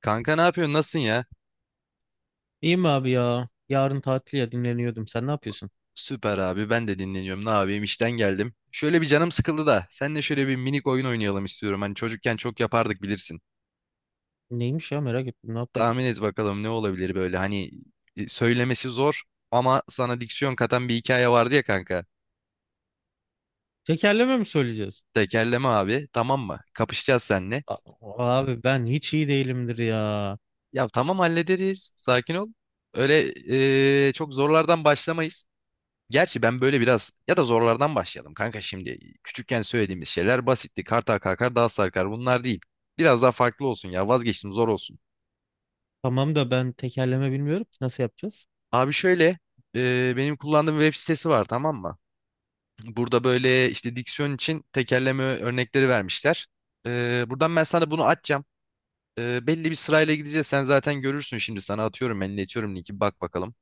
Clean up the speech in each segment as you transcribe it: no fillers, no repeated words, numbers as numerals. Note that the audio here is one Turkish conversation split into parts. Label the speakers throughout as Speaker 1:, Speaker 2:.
Speaker 1: Kanka ne yapıyorsun? Nasılsın ya?
Speaker 2: İyiyim abi ya. Yarın tatil ya dinleniyordum. Sen ne yapıyorsun?
Speaker 1: Süper abi. Ben de dinleniyorum. Ne yapayım? İşten geldim. Şöyle bir canım sıkıldı da. Seninle şöyle bir minik oyun oynayalım istiyorum. Hani çocukken çok yapardık bilirsin.
Speaker 2: Neymiş ya merak ettim ne yapıyorduk?
Speaker 1: Tahmin et bakalım ne olabilir böyle. Hani söylemesi zor ama sana diksiyon katan bir hikaye vardı ya kanka.
Speaker 2: Tekerleme mi söyleyeceğiz?
Speaker 1: Tekerleme abi. Tamam mı? Kapışacağız seninle.
Speaker 2: Abi ben hiç iyi değilimdir ya.
Speaker 1: Ya tamam hallederiz. Sakin ol. Öyle çok zorlardan başlamayız. Gerçi ben böyle biraz ya da zorlardan başlayalım kanka şimdi. Küçükken söylediğimiz şeyler basitti. Kartal kalkar dağ sarkar bunlar değil. Biraz daha farklı olsun ya vazgeçtim zor olsun.
Speaker 2: Tamam da ben tekerleme bilmiyorum ki nasıl yapacağız?
Speaker 1: Abi şöyle benim kullandığım web sitesi var tamam mı? Burada böyle işte diksiyon için tekerleme örnekleri vermişler. Buradan ben sana bunu açacağım. Belli bir sırayla gideceğiz. Sen zaten görürsün şimdi sana atıyorum ben iletiyorum linki bak bakalım.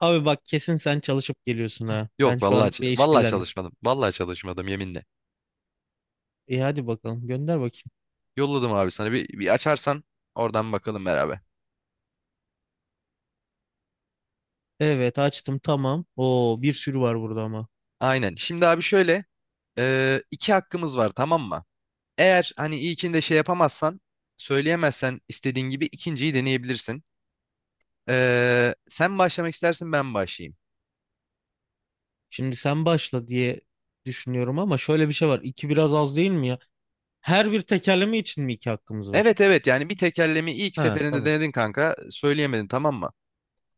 Speaker 2: Abi bak kesin sen çalışıp geliyorsun ha. Ben
Speaker 1: Yok
Speaker 2: şu
Speaker 1: vallahi
Speaker 2: an bir
Speaker 1: vallahi
Speaker 2: işkillendim.
Speaker 1: çalışmadım. Vallahi çalışmadım yeminle.
Speaker 2: İyi hadi bakalım gönder bakayım.
Speaker 1: Yolladım abi sana bir açarsan oradan bakalım beraber.
Speaker 2: Evet açtım tamam. Oo bir sürü var burada ama.
Speaker 1: Aynen. Şimdi abi şöyle iki hakkımız var tamam mı? Eğer hani ilkinde şey yapamazsan söyleyemezsen istediğin gibi ikinciyi deneyebilirsin. Sen başlamak istersin ben başlayayım.
Speaker 2: Şimdi sen başla diye düşünüyorum ama şöyle bir şey var. İki biraz az değil mi ya? Her bir tekerleme için mi iki hakkımız var?
Speaker 1: Evet, evet, yani bir tekerlemi ilk
Speaker 2: Ha
Speaker 1: seferinde
Speaker 2: tamam.
Speaker 1: denedin kanka söyleyemedin tamam mı?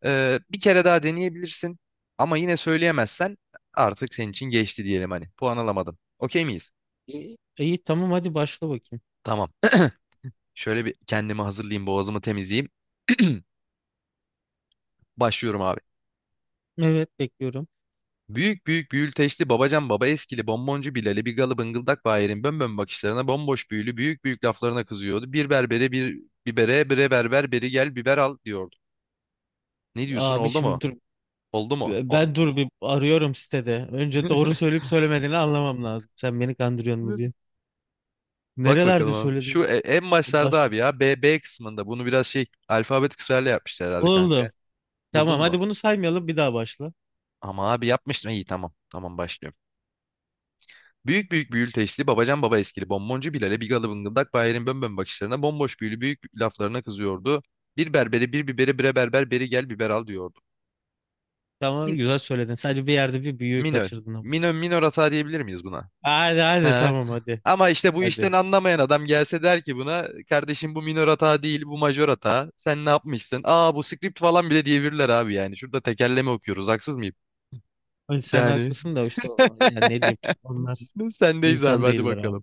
Speaker 1: Bir kere daha deneyebilirsin ama yine söyleyemezsen artık senin için geçti diyelim hani puan alamadın. Okey miyiz?
Speaker 2: İyi, iyi, tamam hadi başla bakayım.
Speaker 1: Tamam. Şöyle bir kendimi hazırlayayım boğazımı temizleyeyim. Başlıyorum abi.
Speaker 2: Evet bekliyorum.
Speaker 1: Büyük büyük büyülteçli babacan baba eskili bonboncu Bilal'i bir galı bıngıldak Bahir'in bönbön bakışlarına bomboş büyülü büyük büyük laflarına kızıyordu. Bir berbere bir bibere bire berber beri gel biber al diyordu. Ne diyorsun
Speaker 2: Abi
Speaker 1: oldu mu?
Speaker 2: şimdi dur.
Speaker 1: Oldu mu?
Speaker 2: Ben dur bir arıyorum sitede. Önce doğru söyleyip söylemediğini anlamam lazım. Sen beni kandırıyor mu diye.
Speaker 1: Bak bakalım
Speaker 2: Nerelerde
Speaker 1: abi. Şu
Speaker 2: söyledin?
Speaker 1: en başlarda
Speaker 2: Baş.
Speaker 1: abi ya B kısmında bunu biraz şey alfabet kısrarla yapmışlar herhalde kanka.
Speaker 2: Oldu.
Speaker 1: Buldun
Speaker 2: Tamam
Speaker 1: mu?
Speaker 2: hadi bunu saymayalım bir daha başla.
Speaker 1: Ama abi yapmıştım. İyi tamam. Tamam başlıyorum. Büyük büyük büyül teşli, babacan baba eskili, bonboncu Bilal'e bigalı bıngıldak Bahir'in bönbön bakışlarına, bomboş büyülü büyük laflarına kızıyordu. Bir berbere bir biberi bire berber beri gel biber al diyordu.
Speaker 2: Tamam
Speaker 1: Min-
Speaker 2: güzel söyledin. Sadece bir yerde bir büyüğü
Speaker 1: Minör.
Speaker 2: kaçırdın ama.
Speaker 1: Minör, minör hata diyebilir miyiz buna?
Speaker 2: Hadi hadi
Speaker 1: He.
Speaker 2: tamam hadi.
Speaker 1: Ama işte bu
Speaker 2: Hadi.
Speaker 1: işten anlamayan adam gelse der ki buna kardeşim bu minör hata değil bu majör hata. Sen ne yapmışsın? Aa bu script falan bile diyebilirler abi yani. Şurada tekerleme okuyoruz haksız mıyım?
Speaker 2: Önce sen
Speaker 1: Yani
Speaker 2: haklısın da işte. Yani ne diyeyim. Onlar
Speaker 1: sendeyiz abi
Speaker 2: insan
Speaker 1: hadi
Speaker 2: değiller
Speaker 1: bakalım.
Speaker 2: abi.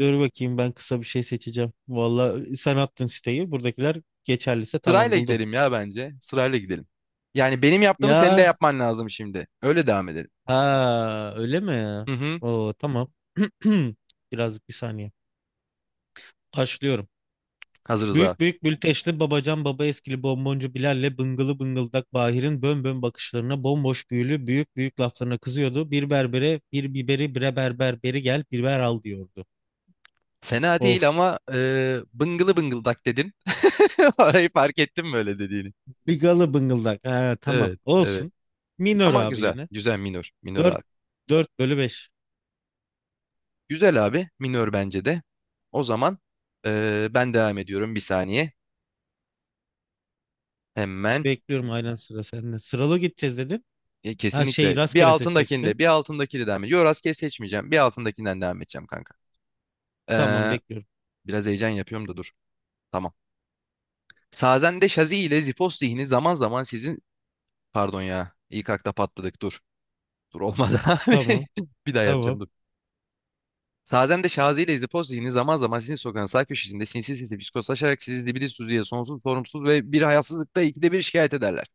Speaker 2: Dur bakayım ben kısa bir şey seçeceğim. Vallahi sen attın siteyi. Buradakiler geçerliyse tamam
Speaker 1: Sırayla
Speaker 2: buldum.
Speaker 1: gidelim ya bence. Sırayla gidelim. Yani benim yaptığımı senin de
Speaker 2: Ya
Speaker 1: yapman lazım şimdi. Öyle devam edelim.
Speaker 2: ha öyle mi?
Speaker 1: Hı hı.
Speaker 2: Oo tamam. Birazcık bir saniye. Başlıyorum.
Speaker 1: Hazırız abi.
Speaker 2: Büyük büyük bülteşli babacan baba eskili bonboncu Bilal'le bıngılı bıngıldak Bahir'in bön bön bakışlarına bomboş büyülü büyük büyük laflarına kızıyordu. Bir berbere bir biberi bre berber beri gel biber al diyordu.
Speaker 1: Fena değil
Speaker 2: Of.
Speaker 1: ama bıngılı bıngıldak dedin. Orayı fark ettim böyle dediğini.
Speaker 2: Bigalı bıngıldak. Ha, tamam
Speaker 1: Evet, evet.
Speaker 2: olsun. Minor
Speaker 1: Ama
Speaker 2: abi
Speaker 1: güzel.
Speaker 2: yine.
Speaker 1: Güzel minör. Minör
Speaker 2: 4
Speaker 1: abi.
Speaker 2: 4 bölü 5.
Speaker 1: Güzel abi. Minör bence de. O zaman ben devam ediyorum bir saniye. Hemen.
Speaker 2: Bekliyorum aynen, sıra sende. Sıralı gideceğiz dedin.
Speaker 1: E,
Speaker 2: Ha şey,
Speaker 1: kesinlikle bir
Speaker 2: rastgele seçeceksin.
Speaker 1: altındakinde bir altındakini devam ediyorum. Yo rastgele seçmeyeceğim. Bir altındakinden devam edeceğim kanka. E,
Speaker 2: Tamam bekliyorum.
Speaker 1: biraz heyecan yapıyorum da dur. Tamam. Sazen'de Şazi ile Zipos zihni zaman zaman sizin... Pardon ya. İlk akta patladık. Dur. Dur olmadı abi.
Speaker 2: Tamam.
Speaker 1: Bir daha
Speaker 2: Tamam.
Speaker 1: yapacağım dur. Sazen'de Şazi ile Zipos zihni zaman zaman sizin sokağın sağ köşesinde sinsi sinsi psikoslaşarak sizi dibili suziye sonsuz sorumsuz ve bir hayasızlıkta ikide bir şikayet ederler.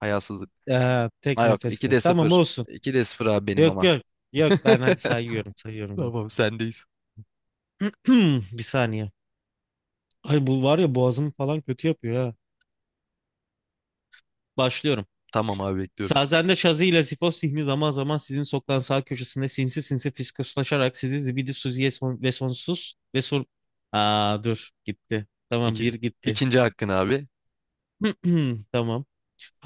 Speaker 1: Hayasızlık.
Speaker 2: Tek
Speaker 1: Ha yok.
Speaker 2: nefeste.
Speaker 1: 2'de
Speaker 2: Tamam
Speaker 1: 0.
Speaker 2: olsun.
Speaker 1: 2'de sıfır abi benim
Speaker 2: Yok
Speaker 1: ama.
Speaker 2: yok. Yok, ben hadi sayıyorum sayıyorum.
Speaker 1: Tamam sendeyiz.
Speaker 2: Bir saniye. Ay bu var ya boğazımı falan kötü yapıyor ha. Başlıyorum.
Speaker 1: Tamam abi bekliyorum.
Speaker 2: Sazende Şazi ile Sifo Sihmi zaman zaman sizin sokağın sağ köşesinde sinsi sinsi fiskoslaşarak sizi zibidi suziye son- ve sonsuz ve son... Aa dur gitti. Tamam bir
Speaker 1: İki,
Speaker 2: gitti.
Speaker 1: ikinci hakkın abi.
Speaker 2: Tamam.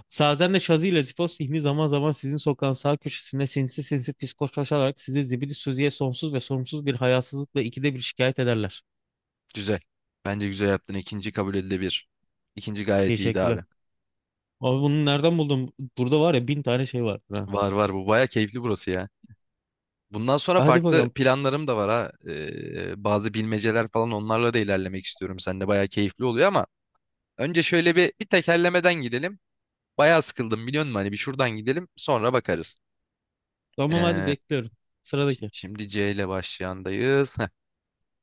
Speaker 2: Sazen de Şazi ile Zifos zihni zaman zaman sizin sokağın sağ köşesinde sinsi sinsi diskoşlaşarak sizi zibidi sözüye sonsuz ve sorumsuz bir hayasızlıkla ikide bir şikayet ederler.
Speaker 1: Güzel. Bence güzel yaptın. İkinci kabul edilebilir. İkinci gayet iyiydi
Speaker 2: Teşekkürler.
Speaker 1: abi.
Speaker 2: Abi bunu nereden buldum? Burada var ya bin tane şey var. Ha.
Speaker 1: Var var bu baya keyifli burası ya. Bundan sonra
Speaker 2: Hadi
Speaker 1: farklı
Speaker 2: bakalım.
Speaker 1: planlarım da var ha. Bazı bilmeceler falan onlarla da ilerlemek istiyorum. Sen de baya keyifli oluyor ama önce şöyle bir tekerlemeden gidelim. Baya sıkıldım biliyor musun? Hani bir şuradan gidelim sonra bakarız.
Speaker 2: Tamam hadi
Speaker 1: Ee,
Speaker 2: bekliyorum.
Speaker 1: şi-
Speaker 2: Sıradaki.
Speaker 1: şimdi C ile başlayandayız. Heh,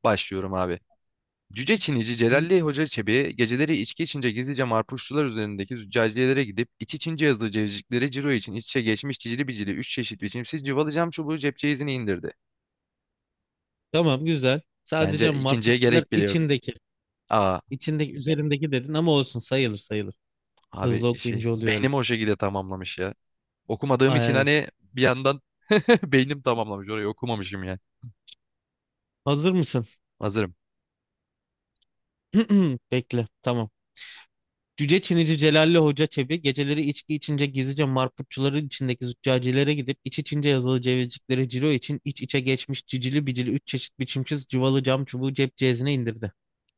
Speaker 1: başlıyorum abi. Cüce Çinici
Speaker 2: Hı,
Speaker 1: Celalli Hoca Çebi geceleri içki içince gizlice marpuşçular üzerindeki züccaciyelere gidip iç içince yazılı cevizcikleri ciro için iç içe geçmiş cicili bicili üç çeşit biçimsiz cıvalı cam çubuğu cep ceyizini indirdi.
Speaker 2: tamam güzel. Sadece
Speaker 1: Bence ikinciye
Speaker 2: marputçiler
Speaker 1: gerek bile yok.
Speaker 2: içindeki.
Speaker 1: Aa
Speaker 2: İçindeki üzerindeki dedin ama olsun, sayılır sayılır.
Speaker 1: abi
Speaker 2: Hızlı
Speaker 1: şey
Speaker 2: okuyunca oluyor öyle.
Speaker 1: beynim o şekilde tamamlamış ya. Okumadığım için
Speaker 2: Aynen.
Speaker 1: hani bir yandan beynim tamamlamış orayı okumamışım ya.
Speaker 2: Hazır mısın?
Speaker 1: Hazırım.
Speaker 2: Bekle. Tamam. Cüce Çinici Celalli Hoca Çebi geceleri içki içince gizlice marputçuların içindeki züccacilere gidip iç içince yazılı cevizciklere ciro için iç içe geçmiş cicili bicili üç çeşit biçimsiz cıvalı cam çubuğu cep cezine indirdi.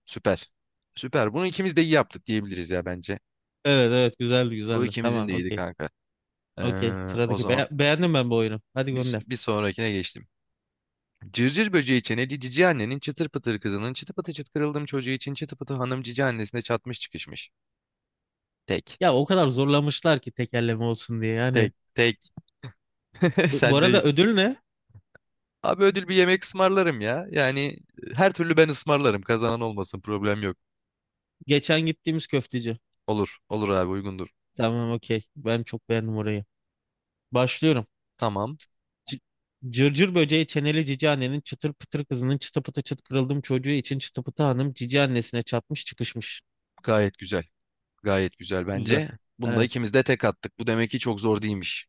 Speaker 1: Süper. Süper. Bunu ikimiz de iyi yaptık diyebiliriz ya bence.
Speaker 2: Evet evet, güzeldi
Speaker 1: Bu
Speaker 2: güzeldi.
Speaker 1: ikimizin
Speaker 2: Tamam
Speaker 1: de iyiydi
Speaker 2: okey.
Speaker 1: kanka.
Speaker 2: Okey
Speaker 1: O
Speaker 2: sıradaki.
Speaker 1: zaman
Speaker 2: Beğendim ben bu oyunu. Hadi
Speaker 1: bir,
Speaker 2: gönder.
Speaker 1: bir sonrakine geçtim. Cırcır böceği çeneli cici annenin çıtır pıtır kızının çıtı pıtı çıt kırıldığım çocuğu için çıtı pıtı hanım cici annesine çatmış çıkışmış. Tek.
Speaker 2: Ya o kadar zorlamışlar ki tekerleme olsun diye yani.
Speaker 1: Tek. Tek.
Speaker 2: Bu arada
Speaker 1: Sendeyiz.
Speaker 2: ödül ne?
Speaker 1: Abi ödül bir yemek ısmarlarım ya. Yani her türlü ben ısmarlarım. Kazanan olmasın problem yok.
Speaker 2: Geçen gittiğimiz köfteci.
Speaker 1: Olur. Olur abi uygundur.
Speaker 2: Tamam okey. Ben çok beğendim orayı. Başlıyorum.
Speaker 1: Tamam.
Speaker 2: C- Cırcır böceği çeneli cici annenin çıtır pıtır kızının çıtı pıtı çıt kırıldım çocuğu için çıtı pıtı hanım cici annesine çatmış çıkışmış.
Speaker 1: Gayet güzel. Gayet güzel
Speaker 2: Güzel.
Speaker 1: bence. Bunda
Speaker 2: Evet.
Speaker 1: ikimiz de tek attık. Bu demek ki çok zor değilmiş.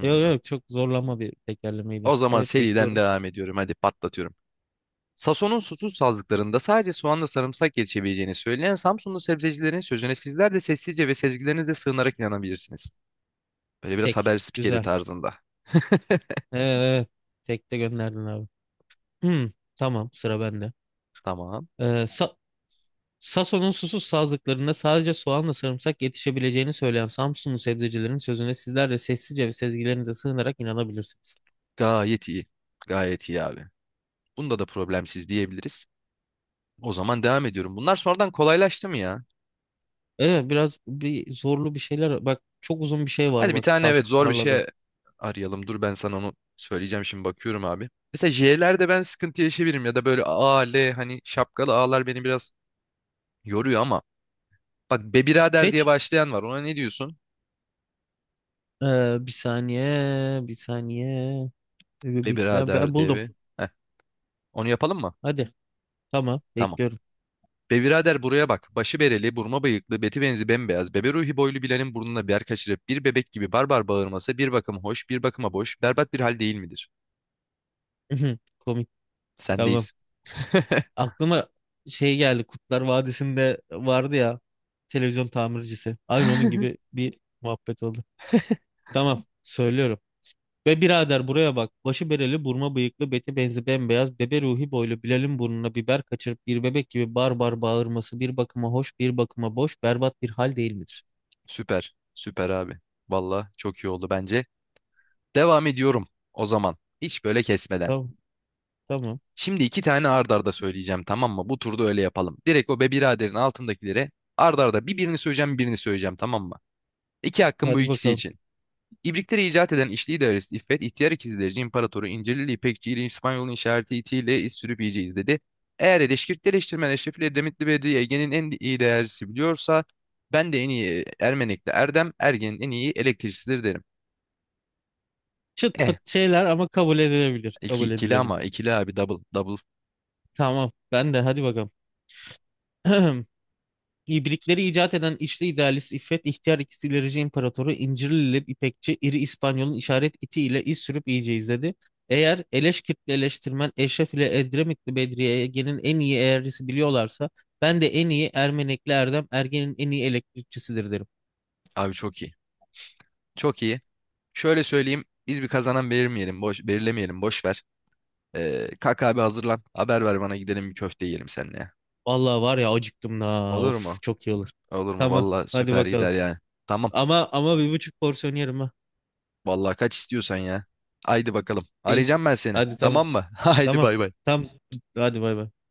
Speaker 2: Yok yok, çok zorlama bir tekerlemeydi.
Speaker 1: O zaman
Speaker 2: Evet
Speaker 1: seriden
Speaker 2: bekliyorum.
Speaker 1: devam ediyorum. Hadi patlatıyorum. Sason'un susuz sazlıklarında sadece soğanla sarımsak yetişebileceğini söyleyen Samsunlu sebzecilerin sözüne sizler de sessizce ve sezgilerinizle sığınarak inanabilirsiniz. Böyle biraz
Speaker 2: Tek.
Speaker 1: haber spikeri
Speaker 2: Güzel.
Speaker 1: tarzında.
Speaker 2: Evet, evet. Tek de gönderdin abi. Hmm, tamam, sıra bende.
Speaker 1: Tamam.
Speaker 2: Ee, Sa- Sason'un susuz sazlıklarında sadece soğanla sarımsak yetişebileceğini söyleyen Samsunlu sebzecilerin sözüne sizler de sessizce ve sezgilerinize sığınarak inanabilirsiniz.
Speaker 1: Gayet iyi. Gayet iyi abi. Bunda da problemsiz diyebiliriz. O zaman devam ediyorum. Bunlar sonradan kolaylaştı mı ya?
Speaker 2: Evet biraz bir zorlu bir şeyler. Bak çok uzun bir şey var,
Speaker 1: Hadi bir
Speaker 2: bak
Speaker 1: tane
Speaker 2: taş
Speaker 1: evet zor bir
Speaker 2: tarlada.
Speaker 1: şey arayalım. Dur ben sana onu söyleyeceğim şimdi bakıyorum abi. Mesela J'lerde ben sıkıntı yaşayabilirim ya da böyle A, L hani şapkalı A'lar beni biraz yoruyor ama bak be birader diye
Speaker 2: Seç.
Speaker 1: başlayan var. Ona ne diyorsun?
Speaker 2: Bir saniye, bir saniye.
Speaker 1: Be
Speaker 2: Bekle. Ben
Speaker 1: birader diye
Speaker 2: buldum.
Speaker 1: bir. Heh, onu yapalım mı?
Speaker 2: Hadi. Tamam,
Speaker 1: Tamam.
Speaker 2: bekliyorum.
Speaker 1: Be birader buraya bak. Başı bereli, burma bıyıklı, beti benzi bembeyaz. Bebe ruhi boylu Bilal'in burnuna bir yer kaçırıp bir bebek gibi barbar bağırması bir bakıma hoş, bir bakıma boş, berbat bir hal değil midir?
Speaker 2: Komik. Tamam.
Speaker 1: Sendeyiz.
Speaker 2: Aklıma şey geldi. Kurtlar Vadisi'nde vardı ya televizyon tamircisi. Aynı onun gibi bir muhabbet oldu. Tamam, söylüyorum. Ve birader buraya bak. Başı bereli, burma bıyıklı, beti benzi bembeyaz, bebe ruhi boylu, Bilal'in burnuna biber kaçırıp bir bebek gibi bar bar bağırması bir bakıma hoş, bir bakıma boş, berbat bir hal değil midir?
Speaker 1: Süper. Süper abi. Valla çok iyi oldu bence. Devam ediyorum o zaman. Hiç böyle kesmeden.
Speaker 2: Tamam, tamam.
Speaker 1: Şimdi iki tane ard arda söyleyeceğim tamam mı? Bu turda öyle yapalım. Direkt o be biraderin altındakilere ard arda bir birini söyleyeceğim birini söyleyeceğim tamam mı? İki hakkım bu
Speaker 2: Hadi
Speaker 1: ikisi
Speaker 2: bakalım.
Speaker 1: için. İbrikleri icat eden İşli idaresi İffet, ihtiyar ikizlerci imparatoru İncirlili İpekçi ile İspanyol'un işareti itiyle iz sürüp yiyeceğiz dedi. Eğer Eleşkirt eleştirmen Eşrefil Edremitli Bedri Ege'nin en iyi değerlisi biliyorsa ben de en iyi Ermenek'te Erdem, Ergen'in en iyi elektrikçisidir derim.
Speaker 2: Çıt
Speaker 1: Eh,
Speaker 2: pıt şeyler ama kabul edilebilir.
Speaker 1: iki,
Speaker 2: Kabul
Speaker 1: ikili
Speaker 2: edilebilir.
Speaker 1: ama ikili abi double, double
Speaker 2: Tamam, ben de hadi bakalım. İbrikleri icat eden içli idealist İffet, ihtiyar ikisi ilerici imparatoru, İncirlili İpekçi, iri İspanyol'un işaret iti ile iz sürüp iyice izledi. Eğer Eleşkirtli eleştirmen Eşref ile Edremitli Bedriye Ege'nin en iyi eğercisi biliyorlarsa ben de en iyi Ermenekli Erdem Ergen'in en iyi elektrikçisidir derim.
Speaker 1: abi çok iyi. Çok iyi. Şöyle söyleyeyim biz bir kazanan belirmeyelim, boş, belirlemeyelim boş ver. Kalk abi hazırlan haber ver bana gidelim bir köfte yiyelim seninle.
Speaker 2: Vallahi var ya, acıktım da
Speaker 1: Olur
Speaker 2: of,
Speaker 1: mu?
Speaker 2: çok iyi olur.
Speaker 1: Olur mu?
Speaker 2: Tamam
Speaker 1: Valla
Speaker 2: hadi
Speaker 1: süper gider
Speaker 2: bakalım.
Speaker 1: yani. Tamam.
Speaker 2: Ama ama 1,5 porsiyon yerim ha.
Speaker 1: Vallahi kaç istiyorsan ya. Haydi bakalım.
Speaker 2: İyi.
Speaker 1: Arayacağım ben seni.
Speaker 2: Hadi tamam.
Speaker 1: Tamam mı? Haydi
Speaker 2: Tamam.
Speaker 1: bay bay.
Speaker 2: Tamam. Hadi bay bay.